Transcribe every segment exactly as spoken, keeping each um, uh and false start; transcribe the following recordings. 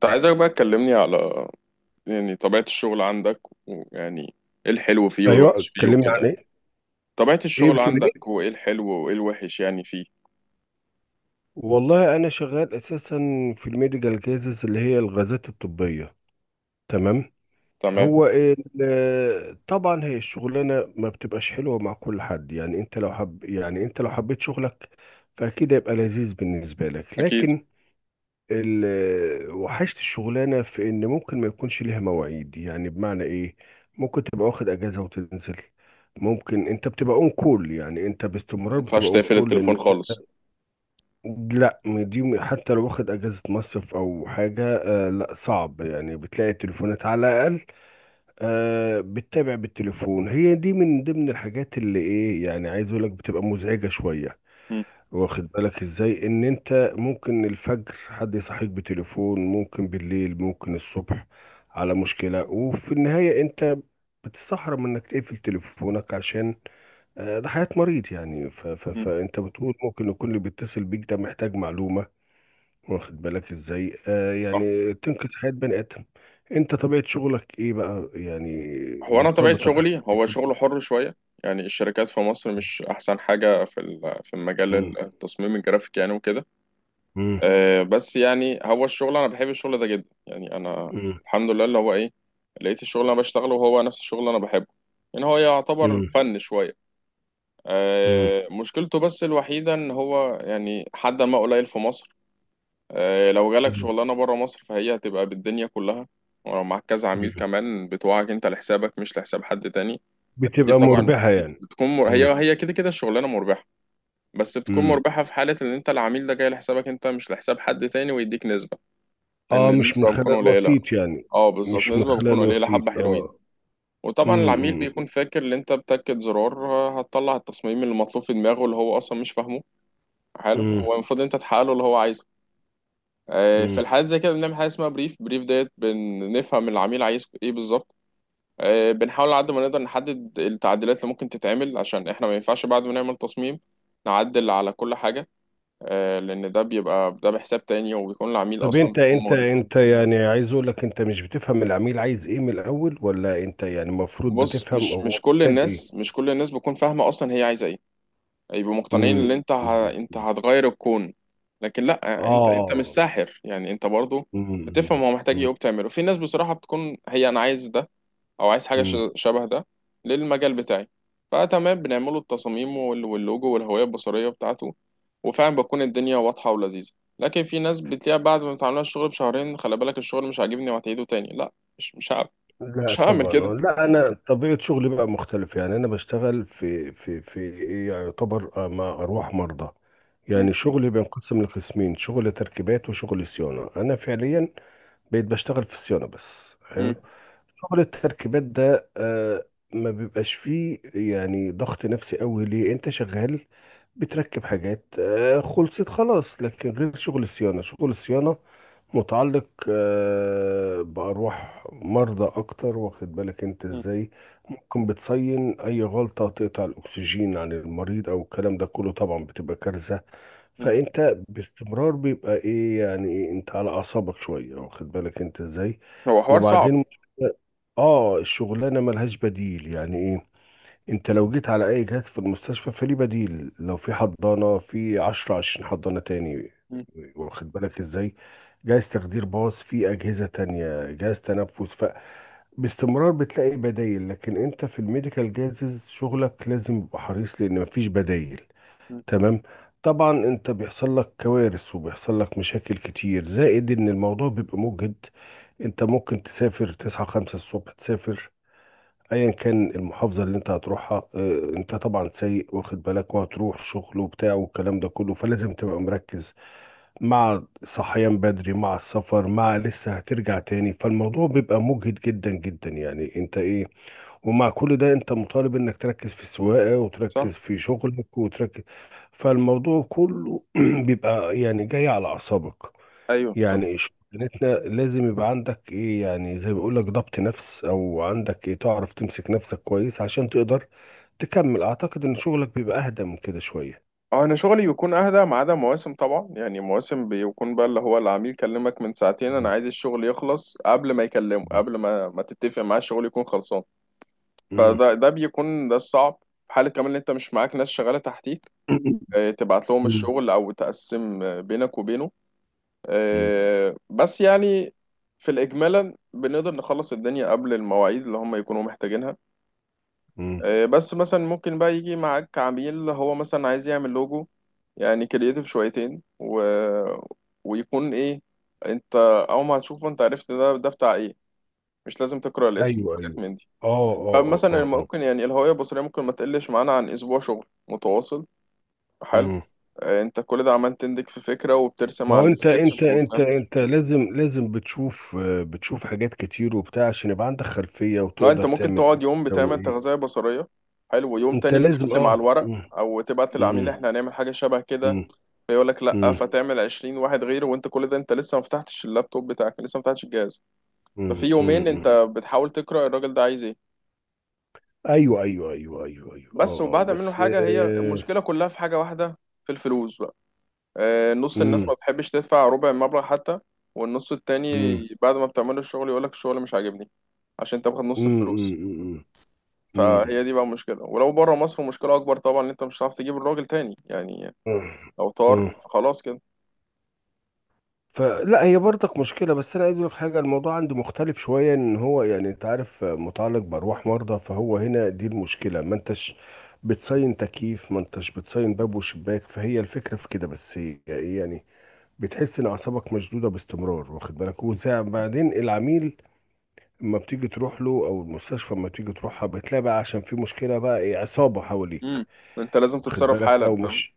طب عايزك بقى تكلمني على يعني طبيعة الشغل عندك ويعني ايه الحلو فيه ايوه، والوحش فيه اتكلمنا وكده عن يعني. ايه؟ طبيعة ايه الشغل بتقول؟ عندك ايه؟ وايه الحلو وايه الوحش يعني فيه. والله انا شغال اساسا في الميديكال كيسز اللي هي الغازات الطبيه. تمام. تمام، هو ال- طبعا هي الشغلانه ما بتبقاش حلوه مع كل حد، يعني انت لو حب، يعني انت لو حبيت شغلك فاكيد هيبقى لذيذ بالنسبه لك. اكيد لكن ال- وحشت الشغلانه في ان ممكن ما يكونش ليها مواعيد. يعني بمعنى ايه؟ ممكن تبقى واخد اجازه وتنزل، ممكن انت بتبقى اون كول. يعني انت ما باستمرار ينفعش بتبقى اون تقفل كول. التليفون خالص. لا، دي حتى لو واخد اجازه مصيف او حاجه، آه، لا، صعب. يعني بتلاقي التليفونات على الاقل، آه، بتتابع بالتليفون. هي دي من ضمن الحاجات اللي ايه، يعني عايز اقول لك، بتبقى مزعجه شويه. مم. واخد بالك ازاي؟ ان انت ممكن الفجر حد يصحيك بتليفون، ممكن بالليل، ممكن الصبح، على مشكله. وفي النهايه انت بتستحرم انك تقفل تليفونك، عشان آه، ده حياة مريض يعني. ف ف مم. فانت بتقول ممكن يكون اللي بيتصل بيك ده محتاج معلومة. واخد بالك ازاي؟ آه، صح. يعني تنقذ حياة بني آدم. انت طبيعة شغلك ايه بقى يعني؟ هو انا طبيعة مرتبطة بحاجة شغلي زي هو شغل كده. حر شوية، يعني الشركات في مصر مش احسن حاجة في ال- في مم، مجال التصميم الجرافيك يعني وكده. مم، آه، بس يعني هو الشغل، انا بحب الشغل ده جدا، يعني انا مم، الحمد لله اللي هو ايه لقيت الشغل اللي انا بشتغله وهو نفس الشغل اللي انا بحبه. يعني هو يعتبر مم، فن شويه. مم، آه، مشكلته بس الوحيده ان هو يعني حد ما قليل في مصر. آه، لو جالك مم، شغلانه بره مصر فهي هتبقى بالدنيا كلها، ولو معاك كذا عميل مم. كمان بتوعك انت لحسابك مش لحساب حد تاني. دي بتبقى طبعا مربحة يعني؟ بتكون مر... مم، هي هي كده كده الشغلانه مربحه، بس بتكون مم. مربحه في حاله ان انت العميل ده جاي لحسابك انت مش لحساب حد تاني ويديك نسبه. لأن اه، مش من النسبة بتكون خلال قليلة. وسيط يعني. اه بالظبط، مش من نسبة بتكون خلال قليلة حبة وسيط، حلوين. اه. وطبعا مم، العميل مم، بيكون فاكر ان انت بتاكد زرار آه، هتطلع التصميم اللي مطلوب في دماغه اللي هو اصلا مش فاهمه حاله، مم، والمفروض انت تحقق له اللي هو عايزه. آه، في مم. الحالات زي كده بنعمل حاجة اسمها بريف، بريف ديت، بنفهم العميل عايز ايه بالظبط. آه، بنحاول على قد ما نقدر نحدد التعديلات اللي ممكن تتعمل، عشان احنا ما ينفعش بعد ما نعمل تصميم نعدل على كل حاجة. آه، لأن ده بيبقى ده بحساب تاني، وبيكون العميل طب أصلا انت بيكون انت مقرف. انت يعني عايز اقول لك، انت مش بتفهم العميل عايز ايه من الاول، ولا انت يعني المفروض بص، بتفهم مش مش هو كل محتاج ايه؟ الناس، مش كل الناس بتكون فاهمة أصلا هي عايزة إيه. يبقوا مقتنعين إن مم. أنت ه... أنت هتغير الكون. لكن لأ، أنت أنت مش اه. ساحر، يعني أنت برضو مم. بتفهم هو محتاج إيه مم. وبتعمله. في ناس بصراحة بتكون هي أنا عايز ده، أو عايز حاجة ش... مم. شبه ده للمجال بتاعي. فتمام، بنعمله التصاميم وال... واللوجو والهوية البصرية بتاعته، وفعلا بتكون الدنيا واضحة ولذيذة. لكن في ناس بتلاقيها بعد ما بتعملها الشغل بشهرين، خلي بالك، الشغل مش عاجبني وهتعيده تاني. لأ، مش مش هعمل، لا مش هعمل طبعا، آه. كده. لا انا طبيعه شغلي بقى مختلف. يعني انا بشتغل في في في إيه، يعني يعتبر آه، مع ارواح مرضى. يعني مم. شغلي بينقسم لقسمين: شغل تركيبات وشغل صيانه. انا فعليا بقيت بشتغل في الصيانه بس. مم. حلو. شغل التركيبات ده آه، ما بيبقاش فيه يعني ضغط نفسي قوي. ليه؟ انت شغال بتركب حاجات، آه، خلصت خلاص. لكن غير شغل الصيانه. شغل الصيانه متعلق آه، بأرواح مرضى أكتر. واخد بالك أنت إزاي؟ ممكن بتصين أي غلطة تقطع الأكسجين عن المريض أو الكلام ده كله، طبعا بتبقى كارثة. مم. فأنت باستمرار بيبقى إيه يعني، إيه، أنت على أعصابك شوية. واخد بالك أنت إزاي؟ هو حوار صعب. وبعدين آه، الشغلانة ملهاش بديل. يعني إيه؟ انت لو جيت على اي جهاز في المستشفى فليه بديل. لو في حضانة، في عشرة عشرين حضانة تاني. مم. واخد بالك ازاي؟ جهاز تخدير باص، في اجهزة تانية، جهاز تنفس. فباستمرار بتلاقي بدايل، لكن انت في الميديكال جازز شغلك لازم يبقى حريص لان مفيش بدايل. مم. تمام. طبعا انت بيحصل لك كوارث وبيحصل لك مشاكل كتير، زائد ان الموضوع بيبقى مجهد. انت ممكن تسافر، تصحى خمسة الصبح، تسافر، ايا كان المحافظه اللي انت هتروحها، آه، انت طبعا سايق، واخد بالك، وهتروح شغل وبتاع والكلام ده كله، فلازم تبقى مركز. مع صحيان بدري، مع السفر، مع لسه هترجع تاني، فالموضوع بيبقى مجهد جدا جدا. يعني انت ايه، ومع كل ده انت مطالب انك تركز في السواقه وتركز صح. في شغلك وتركز. فالموضوع كله بيبقى يعني جاي على اعصابك. ايوه صح. يعني شغلتنا لازم يبقى عندك ايه، يعني زي ما بيقول لك ضبط نفس، او عندك ايه، تعرف تمسك نفسك كويس عشان تقدر تكمل. اعتقد ان شغلك بيبقى اهدى من كده شوية. اه انا شغلي بيكون اهدى، ما عدا مواسم طبعا، يعني مواسم بيكون بقى اللي هو العميل كلمك من ساعتين انا مم. عايز الشغل يخلص قبل ما يكلمه، قبل ما ما تتفق معاه الشغل يكون خلصان. مم. فده ده بيكون ده الصعب. في حالة كمان ان انت مش معاك ناس شغالة تحتيك، مم. آه، تبعت لهم الشغل او تقسم آه، بينك وبينه. مم. آه، بس يعني في الاجمالا بنقدر نخلص الدنيا قبل المواعيد اللي هم يكونوا محتاجينها. مم. آه، بس مثلا ممكن بقى يجي معاك عميل هو مثلا عايز يعمل لوجو، يعني كرييتيف شويتين و... ويكون ايه، انت اول ما هتشوفه انت عرفت ده ده بتاع ايه، مش لازم تقرأ الاسم ايوه، وحاجات ايوه، من دي. اه، اه، اه، فمثلا اه، اه. ممكن، يعني الهوية البصرية ممكن ما تقلش معانا عن اسبوع شغل متواصل. حلو. مم. آه، انت كل ده عمال تندك في فكرة وبترسم ما على هو انت انت السكتش انت وبتاع. انت لازم لازم بتشوف آه، بتشوف حاجات كتير وبتاع عشان يبقى عندك خلفية اه انت وتقدر ممكن تعمل ايه. تقعد يوم تسوي بتعمل ايه؟ تغذية بصرية، حلو، ويوم انت تاني لازم، بترسم على اه. الورق مم. او تبعت للعميل مم. احنا هنعمل حاجة شبه كده، مم. يقول لك لا، مم. فتعمل عشرين واحد غيره، وانت كل ده انت لسه ما فتحتش اللابتوب بتاعك، لسه ما فتحتش الجهاز. ففي مم، مم، يومين انت مم. بتحاول تقرا الراجل ده عايز ايه. ايوه، ايوه، ايوه، ايوه، ايوه، بس اه، آه، وبعد منه بس حاجه، هي آه. المشكله كلها في حاجه واحده، في الفلوس بقى. آه، نص الناس ما مم، بتحبش تدفع ربع المبلغ حتى، والنص التاني مم، بعد ما بتعمل الشغل يقول لك الشغل مش عاجبني، عشان انت واخد نص مم، مم، الفلوس. مم، مم، فهي دي بقى المشكله، ولو بره مصر مشكله اكبر طبعا، ان انت مش هتعرف تجيب الراجل تاني يعني، لو طار مم. خلاص كده. فلا، هي برضك مشكله. بس انا عايز اقول لك حاجه، الموضوع عندي مختلف شويه. ان هو يعني انت عارف آه، متعلق بارواح مرضى. فهو هنا دي المشكله. ما انتش بتصين تكييف، ما انتش بتصين باب وشباك، فهي الفكره في كده بس. يعني بتحس ان اعصابك مشدوده باستمرار، واخد بالك. وبعدين العميل ما بتيجي تروح له او المستشفى ما بتيجي تروحها، بتلاقي بقى، عشان في مشكله بقى، ايه، عصابه حواليك. امم. انت لازم واخد تتصرف بالك حالا، او فاهم؟ مش؟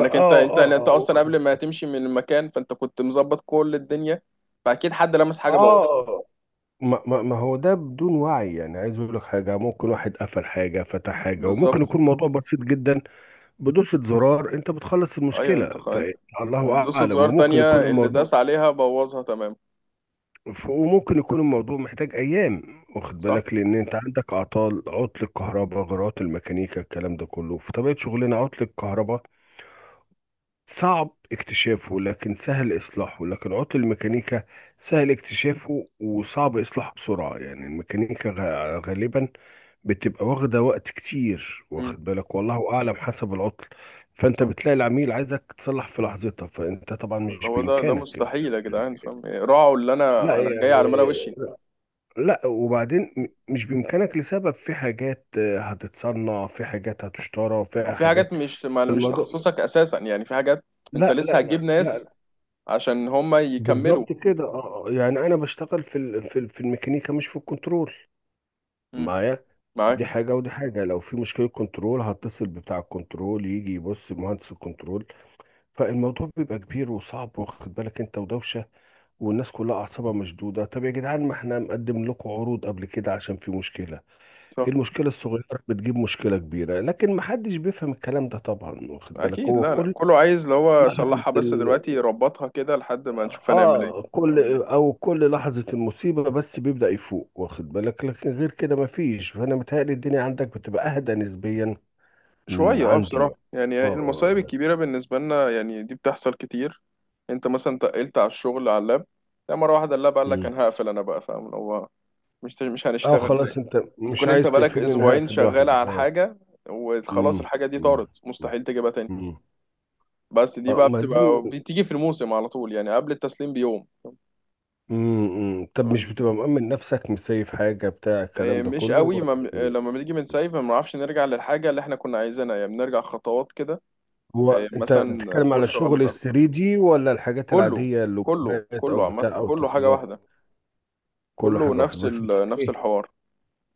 اه، انت انت اه، انت اه، اصلا واخد- قبل ما تمشي من المكان فانت كنت مظبط كل الدنيا، فاكيد حد لمس حاجه بوظها. اه. ما, ما, ما هو ده بدون وعي. يعني عايز اقول لك حاجه، ممكن واحد قفل حاجه فتح حاجه، وممكن بالظبط. يكون موضوع بسيط جدا بدوسه زرار انت بتخلص ايوه انت المشكله، خ... انت فالله وبدوسة اعلم. زرار وممكن تانية يكون اللي الموضوع داس عليها بوظها. تمام. ف- وممكن يكون الموضوع محتاج ايام. واخد صح. بالك؟ لان انت عندك اعطال: عطل الكهرباء، غرات الميكانيكا، الكلام ده كله في طبيعه شغلنا. عطل الكهرباء صعب اكتشافه لكن سهل إصلاحه، لكن عطل الميكانيكا سهل اكتشافه وصعب إصلاحه بسرعة. يعني الميكانيكا غ- غالبا بتبقى واخدة وقت كتير، امم. واخد بالك، والله أعلم حسب العطل. فأنت شوف، بتلاقي العميل عايزك تصلح في لحظتها، فأنت طبعا مش هو ده ده بإمكانك أنت مستحيل يا جدعان، يعني. فاهم، راعوا اللي لا انا انا جاي على يعني، ملا وشي. لا. وبعدين م- مش بإمكانك لسبب، في حاجات آه، هتتصنع، في حاجات هتشترى، في وفي حاجات حاجات. مش ما- مش الموضوع، تخصصك اساسا، يعني في حاجات انت لا لسه لا هتجيب لا لا. ناس عشان هم يكملوا. بالظبط كده، اه، آه. يعني انا بشتغل في ال- في ال- في الميكانيكا، مش في الكنترول. امم. معايا. دي معاك. حاجه ودي حاجه. لو في مشكله كنترول هتصل بتاع الكنترول، يجي يبص مهندس الكنترول. فالموضوع بيبقى كبير وصعب، واخد بالك انت ودوشه والناس كلها اعصابها مشدوده. طب يا جدعان، ما احنا مقدم لكم عروض قبل كده عشان في مشكله. صح. المشكله الصغيره بتجيب مشكله كبيره، لكن ما حدش بيفهم الكلام ده طبعا. واخد بالك؟ اكيد. هو لا لا، كل كله عايز اللي هو لحظه، صلحها بس دلوقتي، ربطها كده لحد ما نشوف هنعمل اه، ايه. كل او كل لحظة المصيبة بس بيبدأ يفوق، واخد بالك. لكن غير كده مفيش، فانا متهيألي الدنيا عندك بتبقى اهدى نسبيا من شوية اه، عندي بصراحة يعني. يعني اه، اه، المصايب لا. الكبيرة بالنسبة لنا يعني دي بتحصل كتير. انت مثلا تقلت على الشغل على اللاب، لا مرة واحدة اللاب قال لك مم. انا هقفل، انا بقى فاهم اللي هو مش مش اه هنشتغل تاني. خلاص انت انت مش كنت انت عايز بقالك تقفلني، انا اسبوعين هقفل شغال لوحدي، على اه. حاجة، وخلاص مم. الحاجة دي مم. طارت، مم. مستحيل تجيبها تاني. مم. بس دي اه، بقى ما دي. بتبقى بتيجي في الموسم على طول، يعني قبل التسليم بيوم. مم. مم. طب مش بتبقى مأمن نفسك، مسيف حاجة بتاع الكلام إيه، ده مش كله قوي، ولا ما إيه، ايه؟ لما بنيجي من سايف ما بنعرفش نرجع للحاجة اللي احنا كنا عايزينها، يعني بنرجع خطوات كده. هو إيه، انت مثلا بتتكلم على فرشة غلط. شغل 3 دي ولا الحاجات كله، العادية، كله اللوجوهات او كله عامة بتاع او كله حاجة تصميمات؟ واحدة، كله كله حاجه واحده نفس بس بتاع ال... نفس ايه؟ الحوار.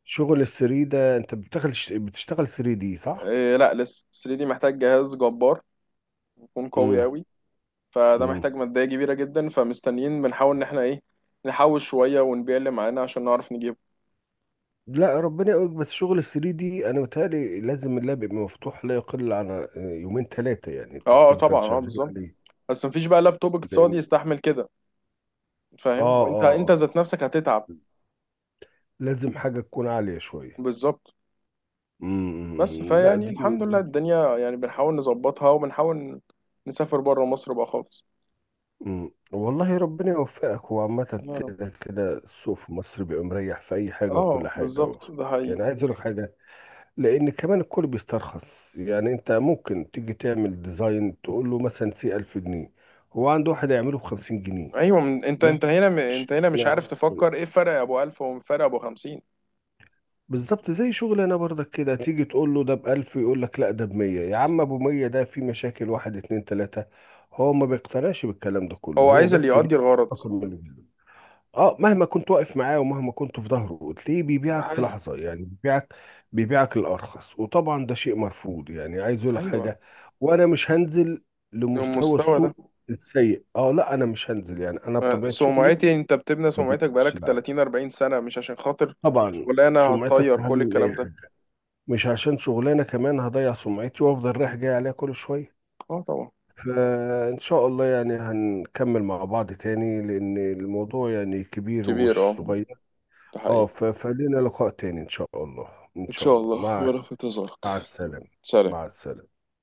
شغل الثري ده، انت بتشتغل بتشتغل 3 دي صح؟ إيه لا، لسه تلاتة دي محتاج جهاز جبار، يكون قوي امم. قوي. فده امم. محتاج مادية كبيرة جدا، فمستنيين بنحاول ان احنا ايه نحوش شوية ونبيع اللي معانا عشان نعرف نجيبه. لا ربنا يقولك، بس شغل الثري دي انا متهيألي لازم اللاب يبقى مفتوح لا يقل عن آه، يومين ثلاثه، يعني اه انت آه، بتفضل طبعا، اه شغال بالظبط. عليه. بس مفيش بقى لابتوب اقتصادي لان يستحمل كده، اه، فاهم، وانت اه، آه. انت ذات نفسك هتتعب. لازم حاجه تكون عاليه شويه. بالظبط. بس امم. لا فيعني دي, دي, الحمد لله دي. الدنيا يعني بنحاول نظبطها، وبنحاول نسافر بره مصر بقى خالص. امم، والله ربنا يوفقك. وعامة يا رب. كده كده السوق في مصر بيبقى مريح في أي حاجة وكل اه حاجة. بالظبط، واخد ده بالك؟ يعني حقيقي. عايز أقول لك حاجة، لان كمان الكل بيسترخص. يعني انت ممكن تيجي تعمل ديزاين تقول له مثلا سي ألف جنيه، هو عنده واحد يعمله ب خمسين جنيه. ايوه من- انت ما انت هنا م- انت يعرفش. هنا ما مش عارف يعرفش. تفكر ايه، فرق ابو ألف وفرق ابو خمسين. بالظبط زي شغل انا برضك كده. تيجي تقول له ده ب ألف يقول لك لا ده ب ميه. يا عم ابو ميه ده في مشاكل واحد اتنين تلاته، هو ما بيقتنعش بالكلام ده كله. هو هو عايز اللي بس ليه يقضي الغرض. رقم من الجنيه. اه مهما كنت واقف معاه ومهما كنت في ظهره، تلاقيه ده بيبيعك في حقيقي. لحظة. يعني بيبيعك، بيبيعك الأرخص. وطبعا ده شيء مرفوض. يعني عايز اقول لك ايوه حاجة، وانا مش هنزل لمستوى المستوى ده، السوق السيء. اه، لا انا مش هنزل. يعني انا بطبيعة شغلي سمعتي انت بتبني ما سمعتك بقتش- بقالك لا، تلاتين أربعين سنه، مش عشان خاطر طبعا شغلانه سمعتك هتطير اهم كل من الكلام اي ده. حاجة. مش عشان شغلانة كمان هضيع سمعتي وافضل رايح جاي عليها كل شوية. اه طبعا. فإن شاء الله يعني هنكمل مع بعض تاني، لأن الموضوع يعني كبير كبير ومش اه. صغير. ده اه، حقيقي. ف- فلينا لقاء تاني ان شاء الله. ان ان شاء شاء الله. الله، مع ولا في انتظارك. مع السلامة. سلام. مع السلامة.